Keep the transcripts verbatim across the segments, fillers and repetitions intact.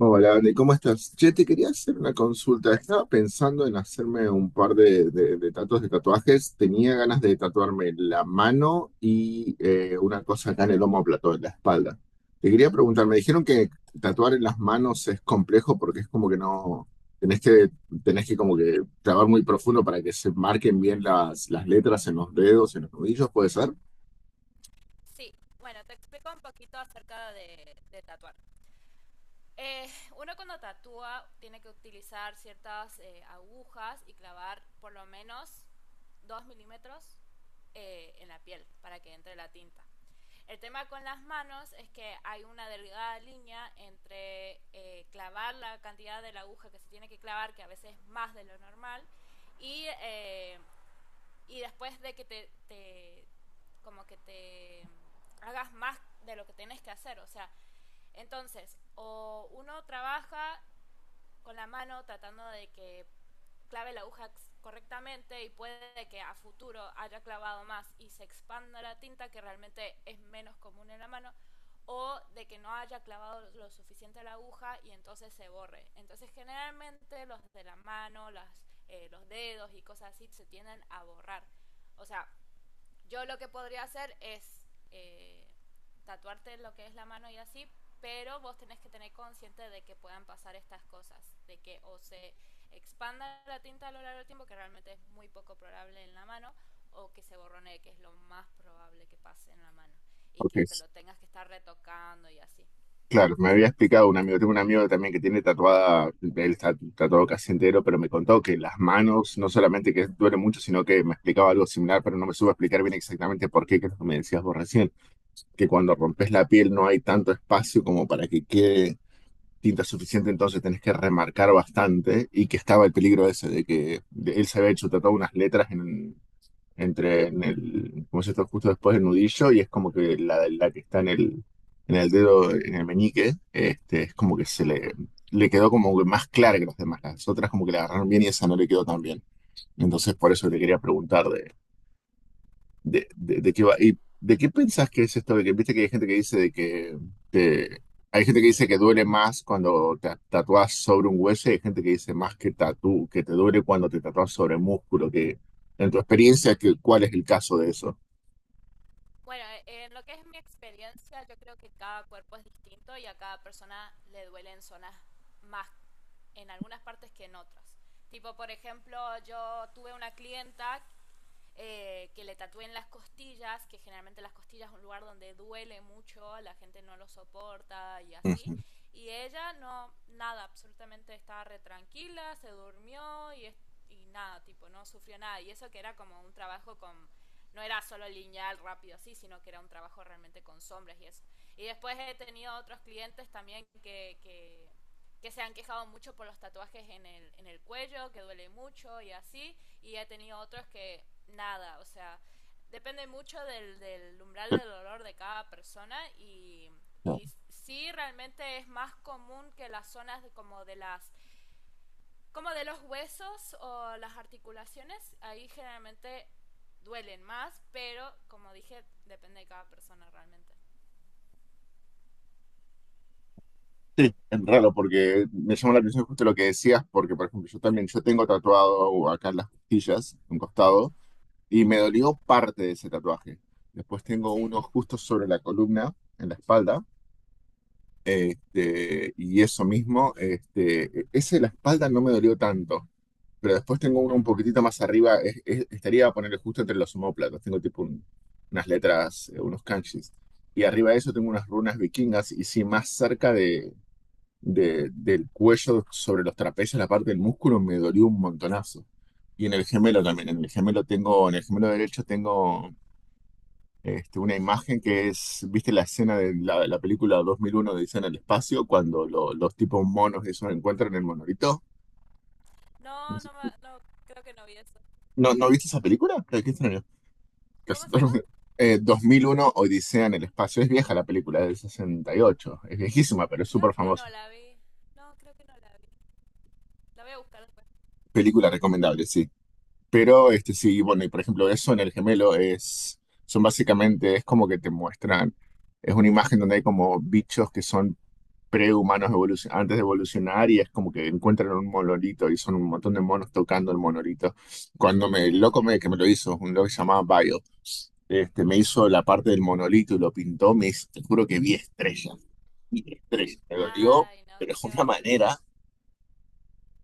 Hola, Andy, ¿cómo estás? Che, te quería hacer una consulta. Estaba pensando en hacerme un par de, de, de tatuajes de tatuajes. Tenía ganas de tatuarme la mano y eh, una cosa acá en el plató en la espalda. Te quería preguntar, me dijeron que tatuar en las manos es complejo porque es como que no, tenés que, tenés que como que trabajar muy profundo para que se marquen bien las, las letras en los dedos, en los nudillos, ¿puede ser? Sí, bueno, te explico un poquito acerca de, de tatuar. Eh, Uno cuando tatúa tiene que utilizar ciertas eh, agujas y clavar por lo menos dos milímetros eh, en la piel para que entre la tinta. El tema con las manos es que hay una delgada línea entre eh, clavar la cantidad de la aguja que se tiene que clavar, que a veces es más de lo normal, y eh, y después de que te, te como que te hagas más de lo que tienes que hacer. O sea, entonces, o uno trabaja con la mano tratando de que clave la aguja correctamente y puede que a futuro haya clavado más y se expanda la tinta, que realmente es menos común en la mano, o de que no haya clavado lo suficiente la aguja y entonces se borre. Entonces, generalmente los de la mano, las, eh, los dedos y cosas así se tienden a borrar. O sea, yo lo que podría hacer es eh, tatuarte lo que es la mano y así, pero vos tenés que tener consciente de que puedan pasar estas cosas, de que o se expanda la tinta a lo largo del tiempo, que realmente es muy poco probable en la mano, o que se borronee, que es lo más probable que pase en la mano, y Ok. que te lo tengas que estar retocando y así. Claro, me había explicado un amigo, tengo un amigo también que tiene tatuada, él está tatuado casi entero, pero me contó que las manos no solamente que duele mucho, sino que me explicaba algo similar, pero no me supo explicar bien exactamente por qué, que es lo que me decías vos recién, que cuando rompes la piel no hay tanto espacio como para que quede tinta suficiente, entonces tenés que remarcar bastante y que estaba el peligro ese de que de- él se había hecho tatuado unas letras entre en el, como se está justo después del nudillo y es como que la, la que está en el, en el dedo, en el meñique, este, es como que se Ajá, le, le quedó como que más clara que las demás. Las otras como que la agarraron bien y esa no le quedó tan bien. Entonces por sí, eso te quería preguntar de, de, de, de qué sí. va. ¿Y de qué pensás que es esto? De que viste que hay gente que dice de que te- hay gente que dice que duele más cuando te tatúas sobre un hueso y hay gente que dice más que tatú, que te duele cuando te tatúas sobre músculo, que en tu experiencia, que, ¿cuál es el caso de eso? Bueno, eh, en lo que es mi experiencia, yo creo que cada cuerpo es distinto y a cada persona le duelen zonas más en algunas partes que en otras. Tipo, por ejemplo, yo tuve una clienta eh, que le tatúen las costillas, que generalmente las costillas es un lugar donde duele mucho, la gente no lo soporta y así. Ujú. Y ella no, nada, absolutamente estaba re tranquila, se durmió y, y nada, tipo, no sufrió nada. Y eso que era como un trabajo con, no era solo lineal, rápido, así, sino que era un trabajo realmente con sombras y eso. Y después he tenido otros clientes también que, que, que se han quejado mucho por los tatuajes en el, en el cuello, que duele mucho y así y he tenido otros que nada, o sea, depende mucho del, del umbral del dolor de cada persona y, y sí realmente es más común que las zonas de, como de las como de los huesos o las articulaciones ahí generalmente duelen más, pero como dije depende de cada persona realmente. Sí, es raro porque me llama la atención justo lo que decías, porque por ejemplo yo también, yo tengo tatuado acá en las costillas, un costado, y me dolió parte de ese tatuaje. Después tengo Sí. uno justo sobre la columna, en la espalda, este, y eso mismo, este, ese de la espalda no me dolió tanto, pero después tengo uno Ah, un poquitito más arriba, es- es- estaría a ponerle justo entre los omóplatos, tengo tipo un- unas letras, eh, unos kanjis, y arriba de eso tengo unas runas vikingas, y sí, más cerca de- del cuello sobre los trapecios, la parte del músculo, me dolió un montonazo. Y en el gemelo sí. también, en el gemelo tengo, en el gemelo derecho tengo este, una imagen que es, ¿viste la escena de la, la película dos mil uno de Odisea en el espacio? Cuando lo- los tipos monos esos encuentran el monolito. No, no, ma- no, creo que no vi eso. ¿No, no viste esa película? Ay, qué extraño. ¿Cómo Casi se llama? todo- Eh, dos mil uno Odisea en el espacio. Es vieja la película, es del sesenta y ocho. Es viejísima, pero es Creo súper que no famosa. la vi. No, creo que no la vi. La voy a buscar después. Película recomendable, sí. Pero este sí, bueno, y por ejemplo, eso en el gemelo es, son básicamente, es como que te muestran, es una imagen donde hay como bichos que son prehumanos evolucion- antes de evolucionar y es como que encuentran un monolito y son un montón de monos tocando el monolito. Cuando me, Sí. el loco me, que me lo hizo, un loco que se llamaba Bio, este, me hizo la parte del monolito y lo pintó, me hizo- te juro que vi estrellas, vi estrellas, me dolió, Ay, no, pero es qué una horror. manera.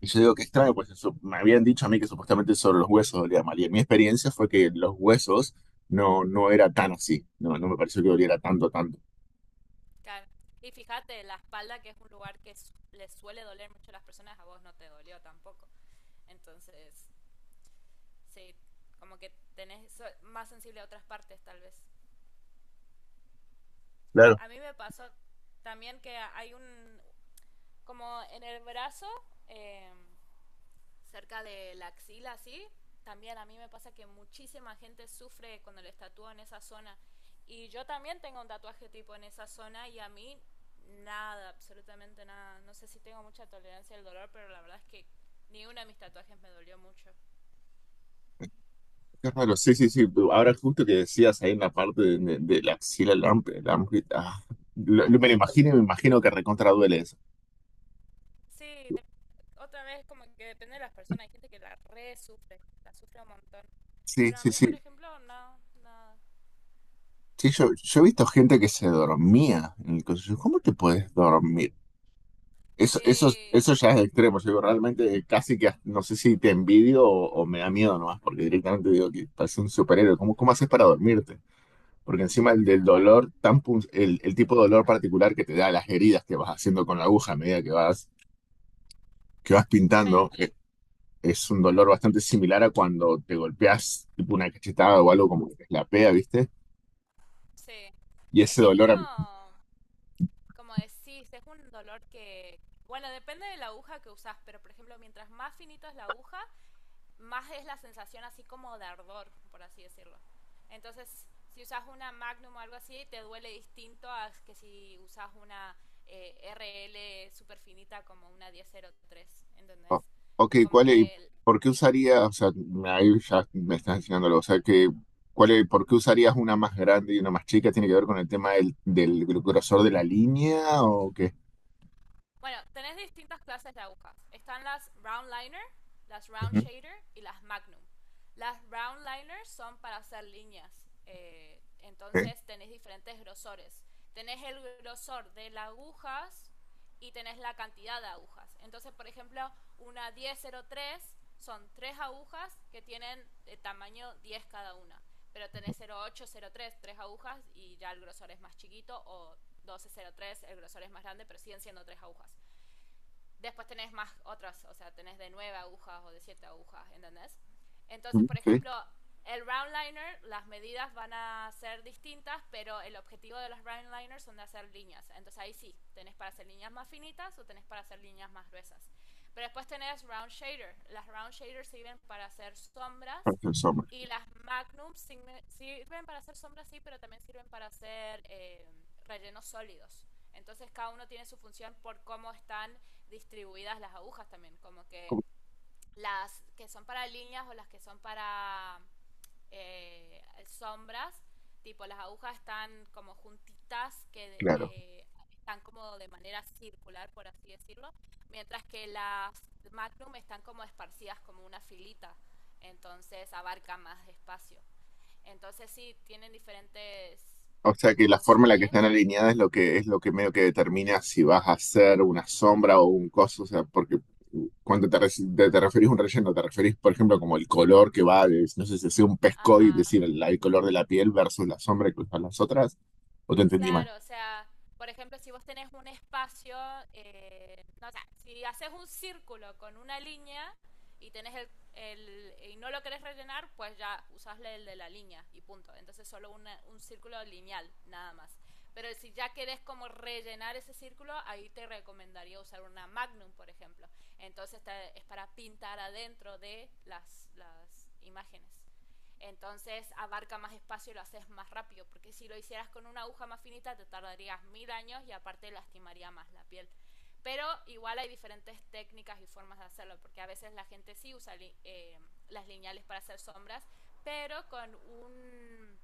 Y yo digo que extraño, porque su- me habían dicho a mí que supuestamente solo los huesos dolían mal. Y en mi experiencia fue que los huesos no, no era tan así. No, no me pareció que doliera tanto, tanto. Claro. Y fíjate, la espalda, que es un lugar que su- les suele doler mucho a las personas, a vos no te dolió tampoco. Entonces, sí, como que tenés so- más sensible a otras partes, tal vez. Claro. A mí me pasó también que hay un, como en el brazo, eh, cerca de la axila, ¿sí? También a mí me pasa que muchísima gente sufre cuando les tatúo en esa zona. Y yo también tengo un tatuaje tipo en esa zona y a mí nada, absolutamente nada. No sé si tengo mucha tolerancia al dolor, pero la verdad es que ni uno de mis tatuajes me dolió mucho. Qué raro, sí, sí, sí. tú- Ahora justo que decías ahí en la parte de, de- de la axila, el am- el am- ah, lo- lo- me lo imagino y me imagino que recontra duele eso. Sí, de- otra vez como que depende de las personas. Hay gente que la re sufre, la sufre un montón. Sí, Pero a sí, mí, por sí. ejemplo, no, nada. Sí, yo, yo he visto gente que se dormía en el coso. Yo, ¿cómo te puedes dormir? Eso, eso, Sí, eso ya es extremo. Yo digo, realmente casi que hasta- no sé si te envidio o, o me da miedo nomás, porque directamente digo que parece un superhéroe. ¿Cómo, cómo haces para dormirte? Porque encima el del dolor, tan pun- el, el tipo de dolor particular que te da las heridas que vas haciendo con la aguja a medida que vas, que vas bueno, pintando, eh, es un dolor bastante similar a cuando te golpeas tipo una cachetada o algo como que te pea, ¿viste? sí. Y Es ese que es como… dolor como decís, es un dolor que, bueno, depende de la aguja que usás, pero por ejemplo, mientras más finito es la aguja, más es la sensación así como de ardor, por así decirlo. Entonces, si usas una Magnum o algo así, te duele distinto a que si usas una eh, R L super finita como una diez cero tres, ¿entendés? O- ok, Como ¿cuál es, que por qué usaría, o sea, me- ahí ya me estás enseñándolo, o sea, que, ¿cuál es- por qué usarías una más grande y una más chica? ¿Tiene que ver con el tema del, del grosor de la línea o qué? Bueno, tenés distintas clases de agujas. Están las round liner, las round Ujú. shader y las magnum. Las round liners son para hacer líneas. eh, ¿Eh? Entonces tenés diferentes grosores. Tenés el grosor de las agujas y tenés la cantidad de agujas. Entonces, por ejemplo, una diez cero tres son tres agujas que tienen de tamaño diez cada una, pero tenés cero ocho, cero tres tres agujas y ya el grosor es más chiquito, o doce cero tres el grosor es más grande, pero siguen siendo tres agujas. Después tenés más otras, o sea, tenés de nueve agujas o de siete agujas, ¿entendés? Entonces, por Sí, ejemplo, el round liner, las medidas van a ser distintas, pero el objetivo de los round liners son de hacer líneas. Entonces ahí sí, tenés para hacer líneas más finitas o tenés para hacer líneas más gruesas. Pero después tenés round shader. Las round shaders sirven para hacer sombras parece el sombra. y las magnums sirven para hacer sombras, sí, pero también sirven para hacer eh, rellenos sólidos. Entonces cada uno tiene su función por cómo están distribuidas las agujas también, como que Como- las que son para líneas o las que son para eh, sombras, tipo las agujas están como juntitas, que Claro. eh, están como de manera circular, por así decirlo, mientras que las magnum están como esparcidas como una filita, entonces abarca más espacio. Entonces sí, tienen diferentes O sea que la forma en la que funciones, están alineadas es lo que es lo que medio que determina si vas a hacer una sombra o un coso, o sea, porque uh, cuando te, reci- te, te referís a un relleno, te referís, por ejemplo, como el color que va, de- no sé si sea un pescado y ajá. decir el, el color de la piel versus la sombra que usan las otras, o te entendí mal. Claro, o sea, por ejemplo, si vos tenés un espacio, eh, no, o sea, si haces un círculo con una línea y tenés el, el- y no lo querés rellenar, pues ya usás el de la línea y punto. Entonces solo una- un círculo lineal, nada más. Pero si ya querés como rellenar ese círculo, ahí te recomendaría usar una magnum, por ejemplo. Entonces te- es para pintar adentro de las, las imágenes. Entonces abarca más espacio y lo haces más rápido, porque si lo hicieras con una aguja más finita te tardarías mil años y aparte lastimaría más la piel. Pero igual hay diferentes técnicas y formas de hacerlo, porque a veces la gente sí usa li eh, las lineales para hacer sombras, pero con un…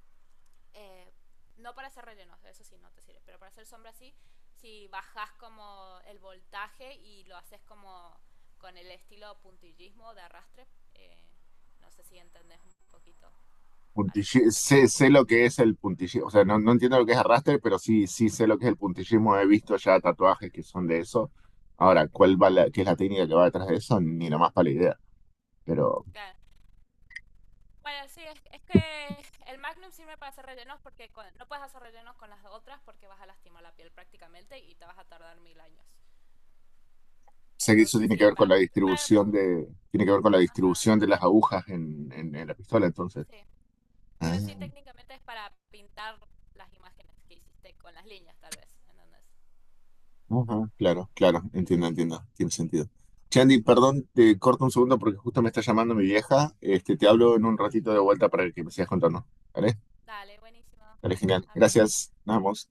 Eh, no para hacer rellenos, eso sí no te sirve, pero para hacer sombras sí, si bajas como el voltaje y lo haces como con el estilo puntillismo de arrastre, eh, no sé si entendés un poquito a lo que Puntilli- me refiero. sé, sé lo que es el puntillismo, o sea, no, no entiendo lo que es arrastre, pero sí, sí sé lo que es el puntillismo, he visto ya tatuajes que son de eso. Ahora, ¿cuál va la, qué es la técnica que va detrás de eso? Ni nomás para la idea, pero Claro. Bueno, sí, es, es que el Magnum sirve para hacer rellenos porque con- no puedes hacer rellenos con las otras porque vas a lastimar la piel prácticamente y te vas a tardar mil años. O sea que eso Entonces, tiene sí, que ver con para, la para, distribución de, tiene que ver con la ajá, distribución de las agujas en, en- en la pistola, entonces. sí. Ah, Pero sí, técnicamente es para pintar las imágenes que hiciste con las líneas, tal vez. Entonces, ujú, claro, claro, entiendo, entiendo, tiene sentido. Chandy, perdón, te corto un segundo porque justo me está llamando mi vieja. Este, te hablo en un ratito de vuelta para que me sigas contando. ¿Vale? dale, buenísimo. Vale, genial. Hablamos. Gracias. Nos vemos.